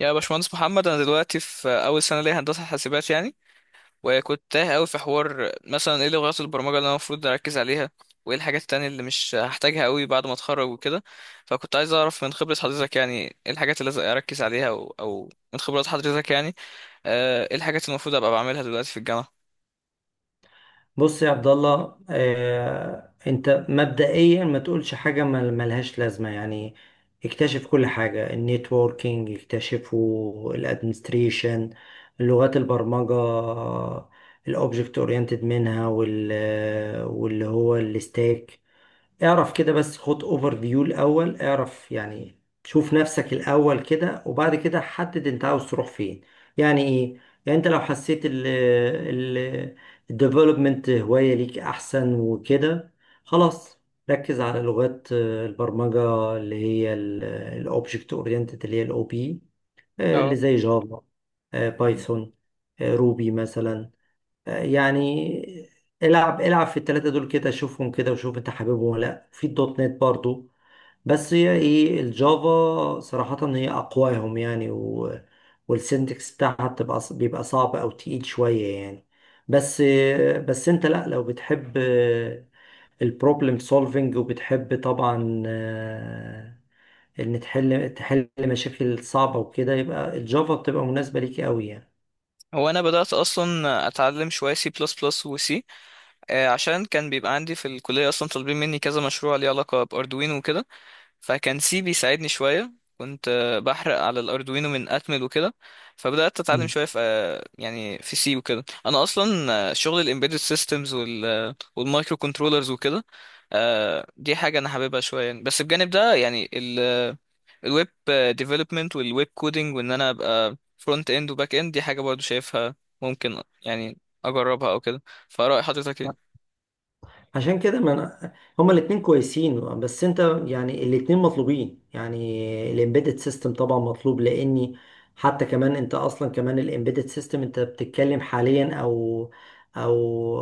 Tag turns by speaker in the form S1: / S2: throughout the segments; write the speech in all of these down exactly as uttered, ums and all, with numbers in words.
S1: يا باشمهندس محمد، انا دلوقتي في اول سنه ليا هندسه حاسبات يعني. وكنت تايه قوي في حوار مثلا ايه لغات البرمجه اللي انا المفروض اركز عليها، وايه الحاجات التانية اللي مش هحتاجها قوي بعد ما اتخرج وكده. فكنت عايز اعرف من خبره حضرتك يعني ايه الحاجات اللي لازم اركز عليها او, أو من خبرات حضرتك يعني. آه، ايه الحاجات اللي المفروض ابقى بعملها دلوقتي في الجامعه.
S2: بص يا عبد الله آه، انت مبدئيا ما تقولش حاجه مل- ملهاش لازمه يعني. اكتشف كل حاجه النيتوركينج، اكتشفوا الادمنستريشن، لغات البرمجه الاوبجكت اورينتد منها وال آه، واللي هو الستاك. اعرف كده بس، خد اوفر فيو الاول، اعرف يعني شوف نفسك الاول كده وبعد كده حدد انت عاوز تروح فين. يعني ايه؟ يعني انت لو حسيت ال ال الديفلوبمنت هواية ليك احسن وكده، خلاص ركز على لغات آه، البرمجة اللي هي الاوبجكت اورينتد اللي هي الاو بي، اللي
S1: اه.
S2: زي جافا، آه، بايثون، آه، روبي مثلا، يعني. العب العب في التلاتة دول كده، شوفهم كده وشوف انت حاببهم ولا لا. في الدوت نت برضو، بس هي ايه، الجافا صراحة هي اقواهم يعني و... والسنتكس بتاعها بتبقى ص- بيبقى صعب او تقيل شوية يعني. بس بس انت لا، لو بتحب البروبلم سولفنج وبتحب طبعا، آه، ان تحل تحل مشاكل صعبة وكده، يبقى الجافا بتبقى مناسبة ليك قوي يعني.
S1: هو انا بدات اصلا اتعلم شويه سي بلس بلس وسي، عشان كان بيبقى عندي في الكليه اصلا طالبين مني كذا مشروع ليه علاقه باردوينو وكده. فكان سي بيساعدني شوية، كنت آه، بحرق على الاردوينو من اتمل وكده. فبدات اتعلم شويه في آه، يعني في سي وكده. انا اصلا آه، شغل الامبيدد سيستمز وال والمايكرو كنترولرز وكده. آه، دي حاجه انا حاببها شويه يعني. بس بجانب ده يعني الويب ديفلوبمنت والويب كودينج، وان انا ابقى فرونت اند وباك اند. دي حاجه برضو شايفها ممكن يعني اجربها او كده. فراي حضرتك ايه؟
S2: عشان كده ما أنا هما الاتنين كويسين، بس انت يعني الاتنين مطلوبين. يعني الامبيدد سيستم طبعا مطلوب، لاني حتى كمان انت اصلا كمان الامبيدد سيستم انت بتتكلم حاليا او او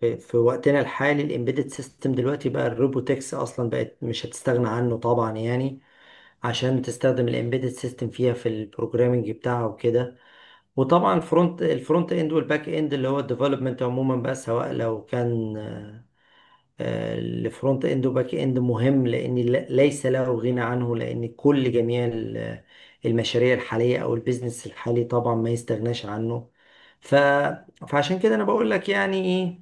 S2: في, في وقتنا الحالي الامبيدد سيستم دلوقتي بقى الروبوتكس اصلا بقت مش هتستغنى عنه طبعا يعني، عشان تستخدم الامبيدد سيستم فيها في البروجرامنج بتاعه وكده. وطبعا الفرونت الفرونت اند والباك اند اللي هو الديفلوبمنت عموما، بقى سواء لو كان الفرونت اند وباك اند مهم، لان ل- ليس له غنى عنه، لان كل جميع ال- المشاريع الحاليه او البيزنس الحالي طبعا ما يستغناش عنه. ف... فعشان كده انا بقول لك يعني ايه،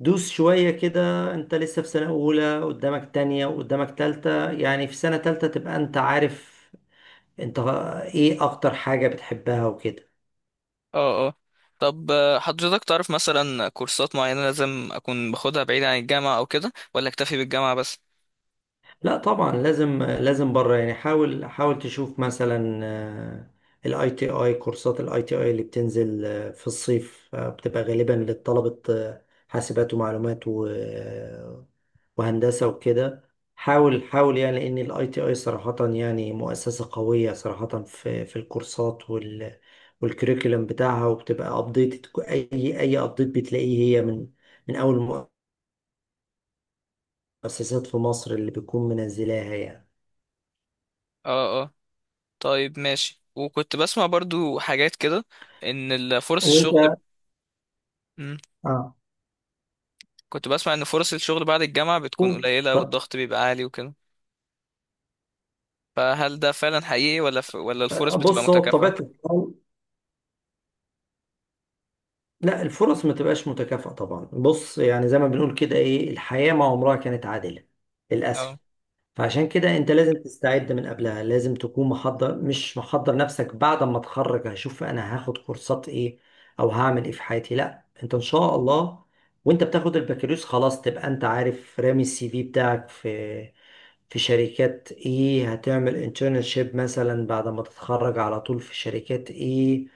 S2: دوس شويه كده. انت لسه في سنه اولى، قدامك تانية وقدامك تالتة، يعني في سنه تالتة تبقى انت عارف انت ايه اكتر حاجه بتحبها وكده.
S1: اه، اه. طب آه، حضرتك تعرف مثلا كورسات معينة لازم أكون باخدها بعيد عن الجامعة أو كده، ولا أكتفي بالجامعة بس؟
S2: لا طبعا لازم لازم بره يعني. حاول حاول تشوف مثلا الاي تي اي، كورسات الاي تي اي اللي بتنزل آه، في الصيف، آه، بتبقى غالبا للطلبة، آه، حاسبات ومعلومات و- آه، وهندسة وكده. حاول حاول يعني، لان الاي تي اي صراحة يعني مؤسسة قوية صراحة في في الكورسات وال والكريكولم بتاعها، وبتبقى ابديت. اي اي ابديت بتلاقيه هي من من اول المؤسسات في مصر اللي بتكون منزلاها يعني.
S1: اه، اه. طيب ماشي، وكنت بسمع برضو حاجات كده، إن ال- فرص الشغل.
S2: وانت
S1: مم.
S2: اه،
S1: كنت بسمع إن فرص الشغل بعد الجامعة بتكون
S2: قول
S1: قليلة،
S2: اتفضل.
S1: والضغط بيبقى عالي وكده. فهل ده فعلا حقيقي، ولا ف... ولا الفرص بتبقى
S2: بص هو بطبيعة
S1: متكافئة؟
S2: الحال، لا الفرص ما تبقاش متكافئة طبعا. بص يعني زي ما بنقول كده، ايه الحياة ما عمرها كانت عادلة، للأسف. فعشان كده انت لازم تستعد من قبلها، لازم تكون محضر، مش محضر نفسك بعد ما اتخرج هشوف انا هاخد كورسات ايه او هعمل ايه في حياتي، لا انت ان شاء الله وانت بتاخد البكالوريوس خلاص تبقى انت عارف رامي السي في بتاعك في في شركات ايه، هتعمل انترنشيب مثلا بعد ما تتخرج على طول في شركات ايه.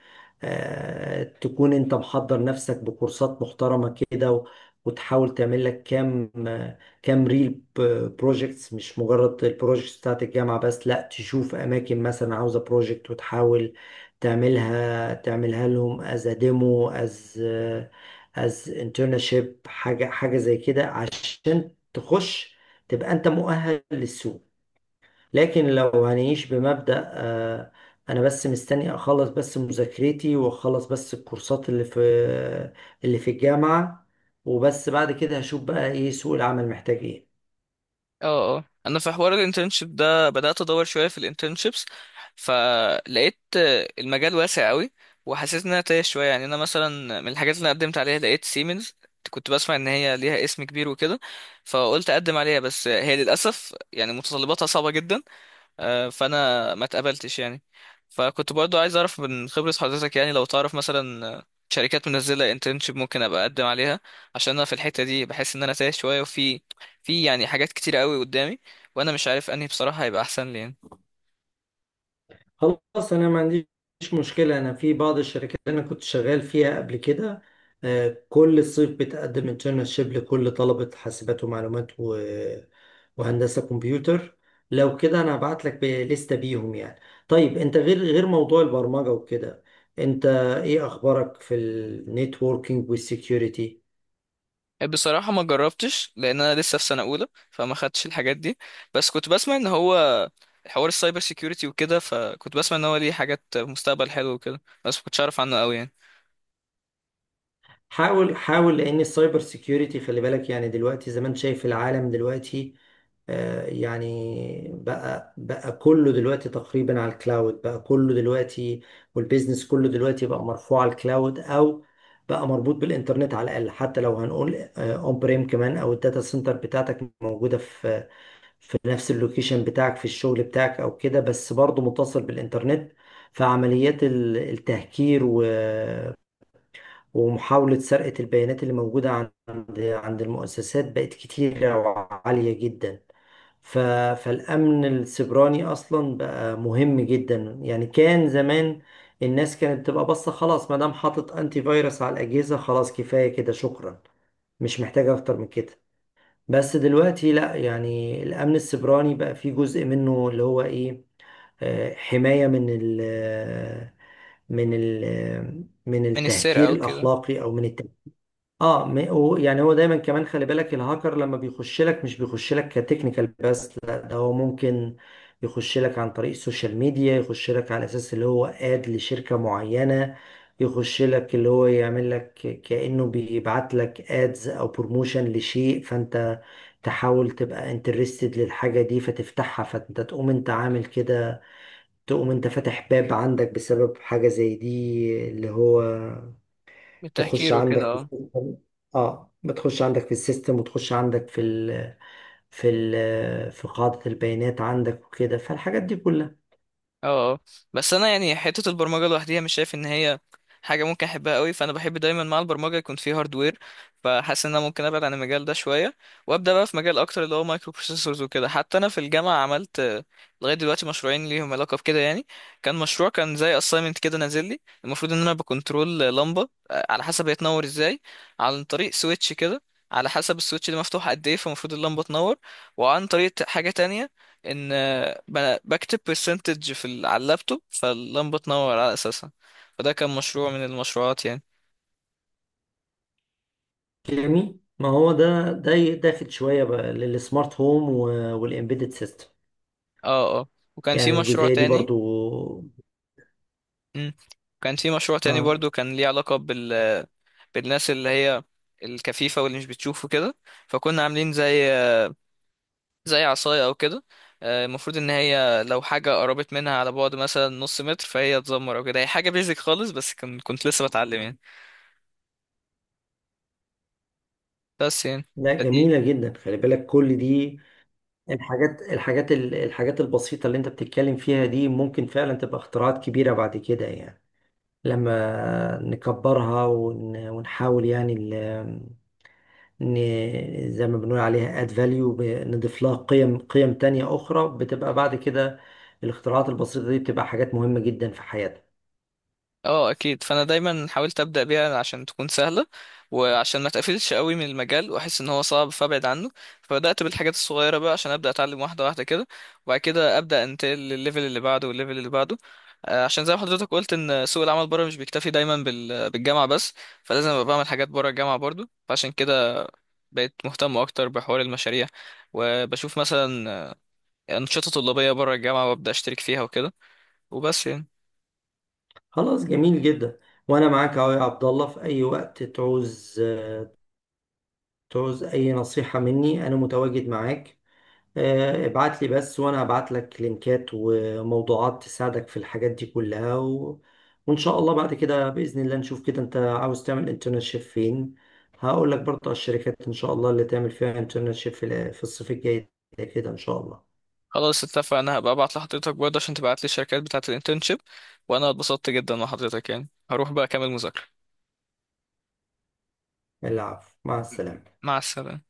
S2: آه، تكون انت محضر نفسك بكورسات محترمة كده و- وتحاول تعمل لك كام، آه، كام ريل بروجكتس، مش مجرد البروجكتس بتاعت الجامعة بس، لا تشوف اماكن مثلا عاوزة بروجكت وتحاول تعملها تعملها لهم از ديمو، از از انترنشيب، حاجة حاجة زي كده عشان تخش تبقى انت مؤهل للسوق. لكن لو هنعيش بمبدأ، آه، انا بس مستني اخلص بس مذاكرتي، واخلص بس الكورسات اللي في اللي في الجامعة، وبس بعد كده هشوف بقى ايه سوق العمل محتاج ايه.
S1: اه، اه. انا في حوار الانترنشيب ده بدأت ادور شوية في الانترنشيبس. فلقيت آه، المجال واسع قوي، وحسيت ان انا تايه شوية يعني. انا مثلا من الحاجات اللي أنا قدمت عليها لقيت سيمنز، كنت بسمع ان هي ليها اسم كبير وكده، فقلت اقدم عليها. بس هي للاسف يعني متطلباتها صعبة جدا، آه، فانا ما اتقبلتش يعني. فكنت برضو عايز اعرف من خبرة حضرتك يعني، لو تعرف مثلا آه، شركات منزلة انترنشيب ممكن ابقى اقدم عليها. عشان انا في الحتة دي بحس ان انا تايه شوية، وفي في يعني حاجات كتير قوي قدامي، وانا مش عارف انهي بصراحة هيبقى احسن لي يعني.
S2: خلاص، انا ما عنديش مشكله. انا في بعض الشركات اللي انا كنت شغال فيها قبل كده، آه، كل صيف بتقدم انترنشيب لكل طلبه حاسبات ومعلومات و... وهندسه كمبيوتر. لو كده انا هبعت لك لستة بيهم يعني. طيب انت غير غير موضوع البرمجه وكده، انت ايه اخبارك في النيتوركينج والسكيورتي؟
S1: بصراحة ما جربتش، لان انا لسه في سنة اولى فما خدتش الحاجات دي. بس كنت بسمع ان هو حوار السايبر سيكيورتي وكده، فكنت بسمع ان هو ليه حاجات مستقبل حلو وكده، بس ما كنتش اعرف عنه قوي يعني.
S2: حاول حاول لان السايبر سيكيورتي خلي بالك يعني، دلوقتي زي ما انت شايف العالم دلوقتي، آه، يعني بقى بقى كله دلوقتي تقريبا على الكلاود، بقى كله دلوقتي والبيزنس كله دلوقتي بقى مرفوع على الكلاود، او بقى مربوط بالانترنت على الاقل، حتى لو هنقول اون بريم كمان، او الداتا سنتر بتاعتك موجوده في في نفس اللوكيشن بتاعك في الشغل بتاعك او كده، بس برضه متصل بالانترنت. فعمليات ال- التهكير و- ومحاولة سرقة البيانات اللي موجودة عند عند المؤسسات بقت كتيرة وعالية جدا. ف... فالأمن السيبراني أصلا بقى مهم جدا يعني. كان زمان الناس كانت تبقى بس خلاص، ما دام حاطط أنتي فيروس على الأجهزة خلاص، كفاية كده شكرا، مش محتاجة أكتر من كده. بس دلوقتي لا، يعني الأمن السيبراني بقى فيه جزء منه اللي هو إيه، آه، حماية من ال من ال من
S1: من
S2: التهكير
S1: السرقة وكده.
S2: الأخلاقي أو من الت اه، م- و- يعني هو دايما كمان خلي بالك الهاكر لما بيخش لك مش بيخش لك كتكنيكال بس، لا ده هو ممكن يخش لك عن طريق السوشيال ميديا، يخش لك على اساس اللي هو اد لشركة معينة، يخش لك اللي هو يعمل لك كأنه بيبعت لك ادز او بروموشن لشيء، فانت تحاول تبقى انترستد للحاجة دي فتفتحها، فانت تقوم انت عامل كده، تقوم انت فاتح باب عندك بسبب حاجة زي دي اللي هو
S1: من
S2: تخش
S1: التهكير وكده.
S2: عندك في
S1: اه.
S2: السيستم. اه بتخش عندك في السيستم وتخش عندك في ال في ال في قاعدة البيانات عندك وكده، فالحاجات دي كلها.
S1: اه. اه. بس انا يعني حته البرمجه لوحديها مش شايف ان هي حاجه ممكن احبها قوي، فانا بحب دايما مع البرمجه يكون في هاردوير. فحاسس ان انا ممكن ابعد عن المجال ده شويه، وابدا بقى في مجال اكتر اللي هو مايكرو بروسيسورز وكده. حتى انا في الجامعه عملت آه، لغايه دلوقتي مشروعين ليهم علاقه بكده يعني. كان مشروع، كان زي اساينمنت كده نازل لي، المفروض ان انا بكنترول لمبه آه، على حسب هي تنور ازاي عن طريق سويتش كده، على حسب السويتش ده مفتوح قد ايه فالمفروض اللمبه تنور. وعن طريق حاجه تانية، ان ب- بكتب برسنتج في ال- على اللابتوب، فاللمبه تنور على اساسها. فده كان مشروع من المشروعات يعني.
S2: جميل، ما هو ده ده داخل شوية بقى للسمارت هوم والإمبيدد سيستم
S1: اه، اه. وكان في
S2: يعني،
S1: مشروع
S2: الجزئية دي
S1: تاني.
S2: برضو.
S1: مم. كان في مشروع تاني
S2: اه
S1: برضو، كان ليه علاقه بال... بالناس اللي هي الكفيفه واللي مش بتشوف وكده. فكنا عاملين زي زي عصايه او كده، آه، المفروض ان هي لو حاجه قربت منها على بعد مثلا نص متر فهي تزمر او كده. هي حاجه بيزك خالص، بس كان كنت لسه بتعلم يعني. بس يعني
S2: لا
S1: فدي.
S2: جميلة جدا، خلي بالك كل دي الحاجات الحاجات الحاجات البسيطة اللي انت بتتكلم فيها دي ممكن فعلا تبقى اختراعات كبيرة بعد كده يعني، لما نكبرها ون- ونحاول يعني ال- ن- زي ما بنقول عليها add value، نضيف لها قيم قيم تانية أخرى، بتبقى بعد كده الاختراعات البسيطة دي بتبقى حاجات مهمة جدا في حياتنا.
S1: اه اكيد، فانا دايما حاولت ابدا بيها عشان تكون سهله، وعشان ما تقفلش قوي من المجال واحس ان هو صعب فابعد عنه. فبدات بالحاجات الصغيره بقى عشان ابدا اتعلم واحده واحده كده، وبعد كده ابدا انتقل للليفل اللي بعده والليفل اللي بعده. آه، عشان زي ما حضرتك قلت ان سوق العمل بره مش بيكتفي دايما بال- بالجامعه بس، فلازم ابقى بعمل حاجات بره الجامعه برضو. فعشان كده بقيت مهتم اكتر بحوار المشاريع، وبشوف مثلا آه، انشطه طلابيه بره الجامعه وابدا اشترك فيها وكده. وبس يعني.
S2: خلاص، جميل جدا. وأنا معاك أهو يا عبد الله، في أي وقت تعوز تعوز أي نصيحة مني أنا متواجد معاك. آه، ابعت لي بس وانا هبعت لك لينكات وموضوعات تساعدك في الحاجات دي كلها و... وان شاء الله بعد كده باذن الله نشوف كده انت عاوز تعمل انترنشيب فين، هقول لك برضه على الشركات ان شاء الله اللي تعمل فيها انترنشيب في ال- في الصيف الجاي، ده كده ان شاء الله.
S1: خلاص اتفقنا، هبقى ابعت لحضرتك برضه عشان تبعت لي الشركات بتاعة الانترنشيب. وانا اتبسطت جدا مع حضرتك يعني، هروح بقى اكمل مذاكرة.
S2: العفو، مع السلامه.
S1: مع السلامة.